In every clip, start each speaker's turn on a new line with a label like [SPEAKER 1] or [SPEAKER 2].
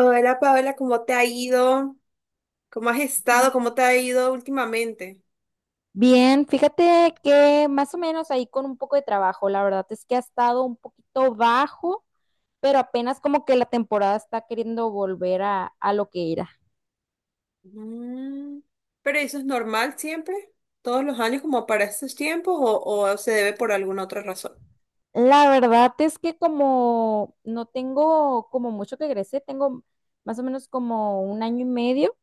[SPEAKER 1] Hola Paola, ¿cómo te ha ido? ¿Cómo has estado? ¿Cómo te ha ido últimamente?
[SPEAKER 2] Bien, fíjate que más o menos ahí con un poco de trabajo, la verdad es que ha estado un poquito bajo, pero apenas como que la temporada está queriendo volver a lo que era.
[SPEAKER 1] Mm, ¿pero eso es normal siempre? ¿Todos los años como para estos tiempos o, se debe por alguna otra razón?
[SPEAKER 2] La verdad es que como no tengo como mucho que egresé, tengo más o menos como un año y medio.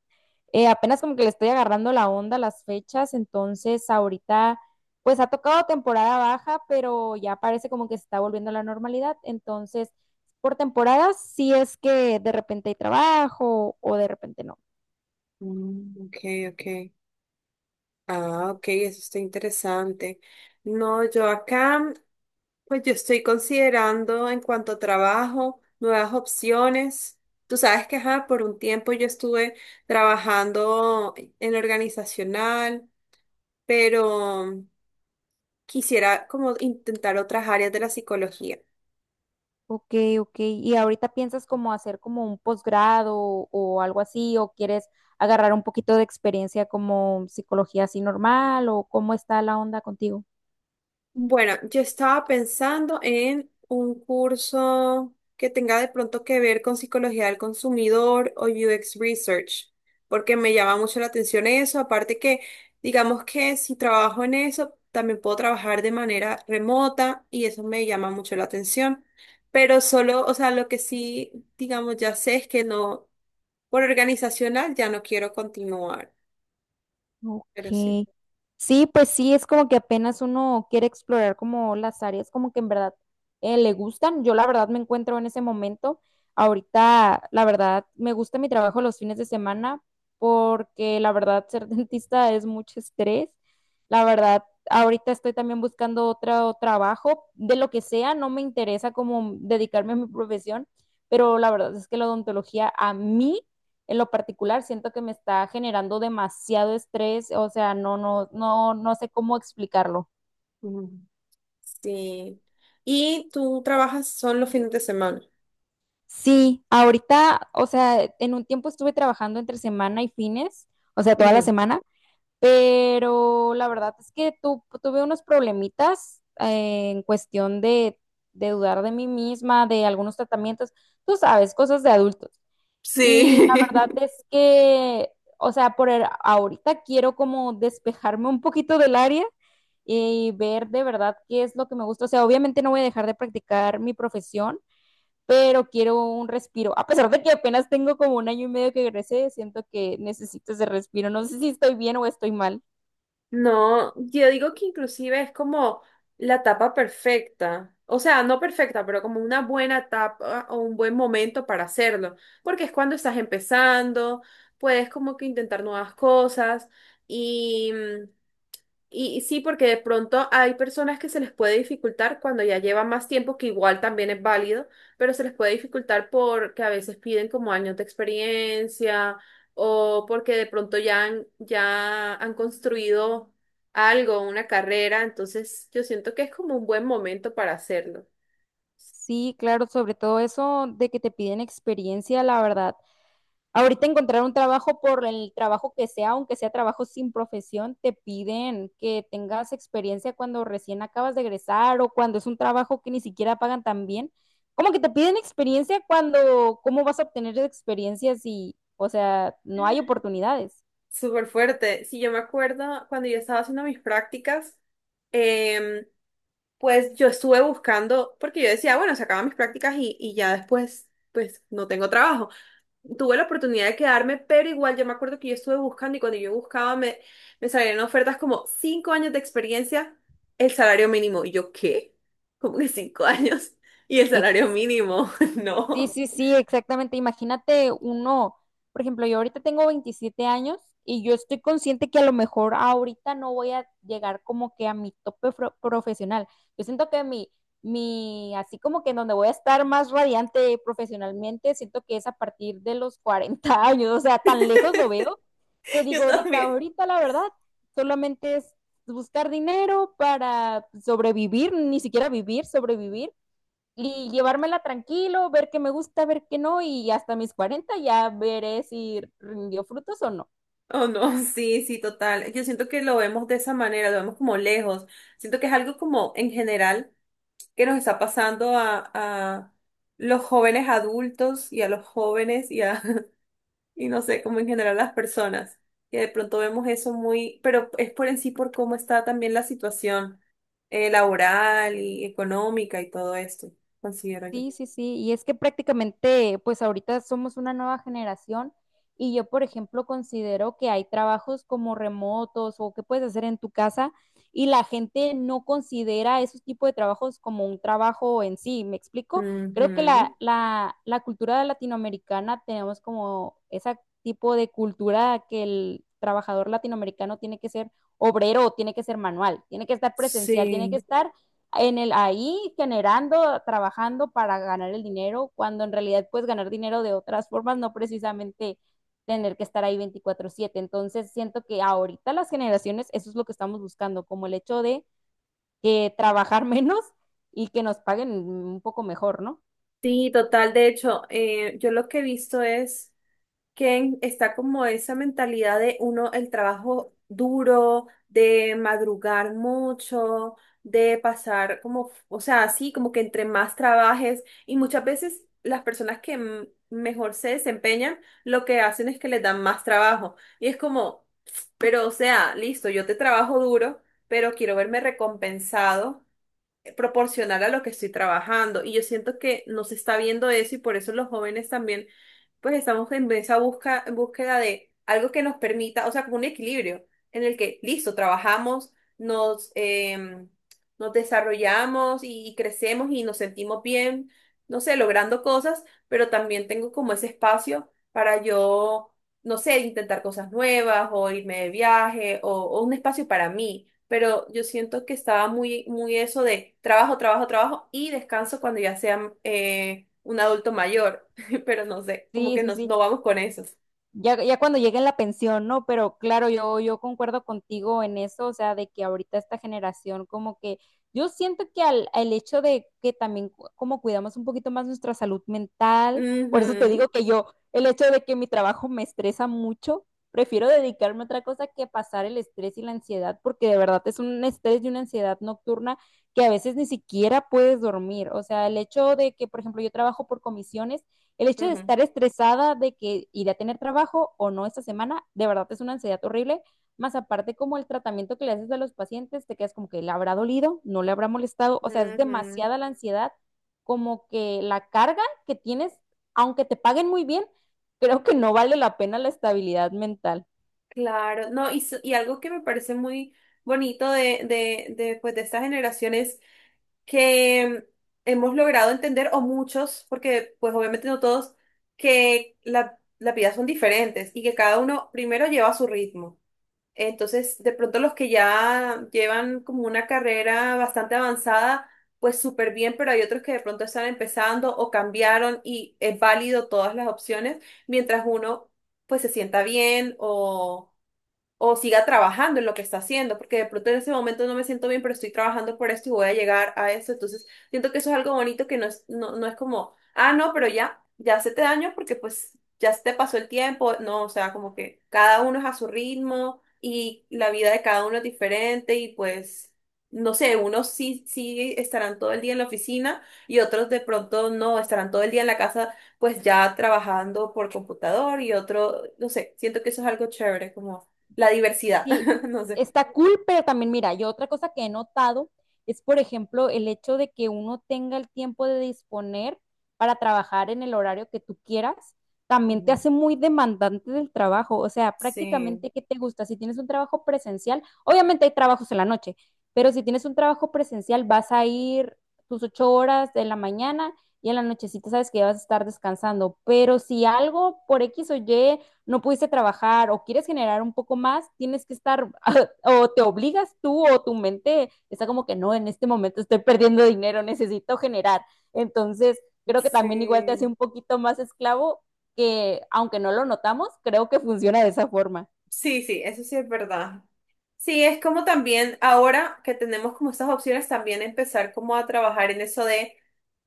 [SPEAKER 2] Apenas como que le estoy agarrando la onda a las fechas, entonces ahorita pues ha tocado temporada baja, pero ya parece como que se está volviendo a la normalidad, entonces por temporadas sí es que de repente hay trabajo o de repente no.
[SPEAKER 1] Mm, ok, ok. Ah, ok, eso está interesante. No, yo acá, pues yo estoy considerando en cuanto a trabajo, nuevas opciones. Tú sabes que, ajá, por un tiempo yo estuve trabajando en organizacional, pero quisiera como intentar otras áreas de la psicología.
[SPEAKER 2] Ok, ok. ¿Y ahorita piensas como hacer como un posgrado o algo así o quieres agarrar un poquito de experiencia como psicología así normal o cómo está la onda contigo?
[SPEAKER 1] Bueno, yo estaba pensando en un curso que tenga de pronto que ver con psicología del consumidor o UX Research, porque me llama mucho la atención eso. Aparte que, digamos que si trabajo en eso, también puedo trabajar de manera remota y eso me llama mucho la atención. Pero solo, o sea, lo que sí, digamos, ya sé es que no, por organizacional ya no quiero continuar, pero sí.
[SPEAKER 2] Ok. Sí, pues sí, es como que apenas uno quiere explorar como las áreas como que en verdad le gustan. Yo la verdad me encuentro en ese momento. Ahorita, la verdad, me gusta mi trabajo los fines de semana porque la verdad ser dentista es mucho estrés. La verdad, ahorita estoy también buscando otro trabajo de lo que sea. No me interesa como dedicarme a mi profesión, pero la verdad es que la odontología a mí en lo particular siento que me está generando demasiado estrés, o sea, no, no, no, no sé cómo explicarlo.
[SPEAKER 1] Sí. Y tú trabajas son los fines de semana.
[SPEAKER 2] Sí, ahorita, o sea, en un tiempo estuve trabajando entre semana y fines, o sea, toda la
[SPEAKER 1] Ujú.
[SPEAKER 2] semana, pero la verdad es que tuve unos problemitas en cuestión de dudar de mí misma, de algunos tratamientos, tú sabes, cosas de adultos. Y la
[SPEAKER 1] Sí.
[SPEAKER 2] verdad, Ujú, es que, o sea, ahorita quiero como despejarme un poquito del área y ver de verdad qué es lo que me gusta. O sea, obviamente no voy a dejar de practicar mi profesión, pero quiero un respiro. A pesar de que apenas tengo como un año y medio que egresé, siento que necesito ese respiro. No sé si estoy bien o estoy mal.
[SPEAKER 1] No, yo digo que inclusive es como la tapa perfecta. O sea, no perfecta, pero como una buena tapa o un buen momento para hacerlo. Porque es cuando estás empezando, puedes como que intentar nuevas cosas. Y y sí, porque de pronto hay personas que se les puede dificultar cuando ya llevan más tiempo, que igual también es válido, pero se les puede dificultar porque a veces piden como años de experiencia o porque de pronto ya han construido algo, una carrera, entonces yo siento que es como un buen momento para hacerlo.
[SPEAKER 2] Sí, claro, sobre todo eso de que te piden experiencia, la verdad, ahorita encontrar un trabajo por el trabajo que sea, aunque sea trabajo sin profesión, te piden que tengas experiencia cuando recién acabas de egresar o cuando es un trabajo que ni siquiera pagan tan bien. Como que te piden experiencia cuando, ¿cómo vas a obtener experiencias si, o sea, no hay oportunidades?
[SPEAKER 1] Súper fuerte. Sí, yo me acuerdo cuando yo estaba haciendo mis prácticas, em, pues yo estuve buscando, porque yo decía, bueno, se acaban mis prácticas y ya después, pues no tengo trabajo. Tuve la oportunidad de quedarme, pero igual yo me acuerdo que yo estuve buscando y cuando yo buscaba me salían ofertas como cinco años de experiencia, el salario mínimo. Y yo, ¿qué? ¿Cómo que cinco años? Y el salario
[SPEAKER 2] Ex-
[SPEAKER 1] mínimo,
[SPEAKER 2] Sí,
[SPEAKER 1] no.
[SPEAKER 2] sí, sí, exactamente. Imagínate uno, por ejemplo, yo ahorita tengo 27 años y yo estoy consciente que a lo mejor ahorita no voy a llegar como que a mi tope profesional. Yo siento que mi, así como que en donde voy a estar más radiante profesionalmente, siento que es a partir de los 40 años, o sea, tan lejos lo veo que digo
[SPEAKER 1] Yo
[SPEAKER 2] ahorita,
[SPEAKER 1] también.
[SPEAKER 2] ahorita la verdad, solamente es buscar dinero para sobrevivir, ni siquiera vivir, sobrevivir y llevármela tranquilo, ver qué me gusta, ver qué no, y hasta mis 40 ya veré si rindió frutos o no.
[SPEAKER 1] Oh, no, sí, sí, total. Yo siento que lo vemos de esa manera, lo vemos como lejos. Siento que es algo como en general que nos está pasando a los jóvenes adultos y a los jóvenes y a, y no sé, como en general las personas, que de pronto vemos eso muy, pero es por en sí por cómo está también la situación laboral y económica y todo esto, considero yo.
[SPEAKER 2] Sí, sí, sí, y es que prácticamente, pues ahorita somos una nueva generación y yo, por ejemplo, considero que hay trabajos como remotos o que puedes hacer en tu casa y la gente no considera esos tipos de trabajos como un trabajo en sí, ¿me explico? Creo que la,
[SPEAKER 1] Ujú.
[SPEAKER 2] la, la cultura latinoamericana tenemos como ese tipo de cultura que el trabajador latinoamericano tiene que ser obrero, tiene que ser manual, tiene que estar presencial, tiene que
[SPEAKER 1] Sí,
[SPEAKER 2] estar en el ahí generando, trabajando para ganar el dinero, cuando en realidad puedes ganar dinero de otras formas, no precisamente tener que estar ahí 24/7. Entonces, siento que ahorita las generaciones, eso es lo que estamos buscando, como el hecho de que trabajar menos y que nos paguen un poco mejor, ¿no?
[SPEAKER 1] sí, total. De hecho, yo lo que he visto es... que está como esa mentalidad de uno, el trabajo duro, de madrugar mucho, de pasar como, o sea, así como que entre más trabajes y muchas veces las personas que mejor se desempeñan, lo que hacen es que les dan más trabajo. Y es como, pero o sea, listo, yo te trabajo duro, pero quiero verme recompensado proporcional a lo que estoy trabajando. Y yo siento que no se está viendo eso y por eso los jóvenes también, pues estamos en esa busca, en búsqueda de algo que nos permita, o sea, como un equilibrio en el que, listo, trabajamos, nos, em, nos desarrollamos y crecemos y nos sentimos bien, no sé, logrando cosas, pero también tengo como ese espacio para yo, no sé, intentar cosas nuevas o irme de viaje o un espacio para mí, pero yo siento que estaba muy, muy eso de trabajo, trabajo, trabajo y descanso cuando ya sea un adulto mayor, pero no sé, como
[SPEAKER 2] Sí,
[SPEAKER 1] que
[SPEAKER 2] sí,
[SPEAKER 1] nos,
[SPEAKER 2] sí.
[SPEAKER 1] no vamos con esos.
[SPEAKER 2] Ya, ya cuando llegue la pensión, ¿no? Pero claro, yo concuerdo contigo en eso, o sea, de que ahorita esta generación como que yo siento que al hecho de que también como cuidamos un poquito más nuestra salud mental, por eso te
[SPEAKER 1] Ujú,
[SPEAKER 2] digo que yo, el hecho de que mi trabajo me estresa mucho, prefiero dedicarme a otra cosa que pasar el estrés y la ansiedad, porque de verdad es un estrés y una ansiedad nocturna que a veces ni siquiera puedes dormir, o sea, el hecho de que, por ejemplo, yo trabajo por comisiones, el hecho de
[SPEAKER 1] ujú,
[SPEAKER 2] estar estresada de que iré a tener trabajo o no esta semana, de verdad es una ansiedad horrible. Más aparte, como el tratamiento que le haces a los pacientes, te quedas como que le habrá dolido, no le habrá molestado. O sea, es
[SPEAKER 1] ujú.
[SPEAKER 2] demasiada la ansiedad, como que la carga que tienes, aunque te paguen muy bien, creo que no vale la pena la estabilidad mental.
[SPEAKER 1] Claro, no, y, y algo que me parece muy bonito pues, de estas generaciones que hemos logrado entender, o muchos, porque pues obviamente no todos, que la vida son diferentes y que cada uno primero lleva su ritmo. Entonces, de pronto los que ya llevan como una carrera bastante avanzada, pues súper bien, pero hay otros que de pronto están empezando o cambiaron y es válido todas las opciones, mientras uno pues se sienta bien o siga trabajando en lo que está haciendo, porque de pronto en ese momento no me siento bien, pero estoy trabajando por esto y voy a llegar a eso. Entonces, siento que eso es algo bonito que no es, no, no es como, ah, no, pero ya, ya se te daño porque pues ya se te pasó el tiempo. No, o sea, como que cada uno es a su ritmo y la vida de cada uno es diferente y pues... No sé, unos sí, sí estarán todo el día en la oficina y otros de pronto no, estarán todo el día en la casa pues ya trabajando por computador y otro, no sé, siento que eso es algo chévere, como la diversidad,
[SPEAKER 2] Sí,
[SPEAKER 1] no sé.
[SPEAKER 2] está cool, pero también mira, yo otra cosa que he notado es, por ejemplo, el hecho de que uno tenga el tiempo de disponer para trabajar en el horario que tú quieras, también te
[SPEAKER 1] Ujú.
[SPEAKER 2] hace muy demandante del trabajo. O sea,
[SPEAKER 1] Sí,
[SPEAKER 2] prácticamente, ¿qué te gusta? Si tienes un trabajo presencial, obviamente hay trabajos en la noche, pero si tienes un trabajo presencial, vas a ir tus 8 horas de la mañana y en la nochecita sabes que ya vas a estar descansando. Pero si algo por X o Y no pudiste trabajar o quieres generar un poco más, tienes que estar o te obligas tú o tu mente está como que no, en este momento estoy perdiendo dinero, necesito generar. Entonces, creo que también igual te hace
[SPEAKER 1] sí,
[SPEAKER 2] un poquito más esclavo que aunque no lo notamos, creo que funciona de esa forma.
[SPEAKER 1] sí, sí, eso sí es verdad. Sí, es como también ahora que tenemos como estas opciones, también empezar como a trabajar en eso de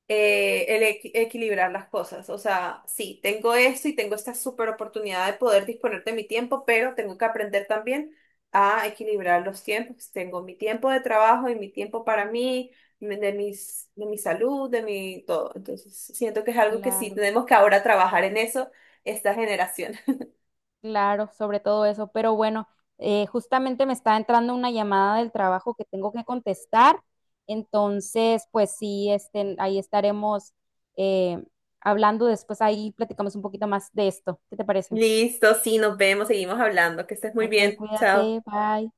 [SPEAKER 1] el equilibrar las cosas. O sea, sí, tengo esto y tengo esta super oportunidad de poder disponer de mi tiempo, pero tengo que aprender también a equilibrar los tiempos. Tengo mi tiempo de trabajo y mi tiempo para mí, de mi salud, de mi todo. Entonces, siento que es algo que sí
[SPEAKER 2] Claro.
[SPEAKER 1] tenemos que ahora trabajar en eso, esta generación.
[SPEAKER 2] Claro, sobre todo eso. Pero bueno, justamente me está entrando una llamada del trabajo que tengo que contestar. Entonces, pues sí, este, ahí estaremos eh, hablando después. Ahí platicamos un poquito más de esto. ¿Qué te parece?
[SPEAKER 1] Listo, sí, nos vemos, seguimos hablando. Que estés muy
[SPEAKER 2] Ok,
[SPEAKER 1] bien. Chao.
[SPEAKER 2] cuídate, bye.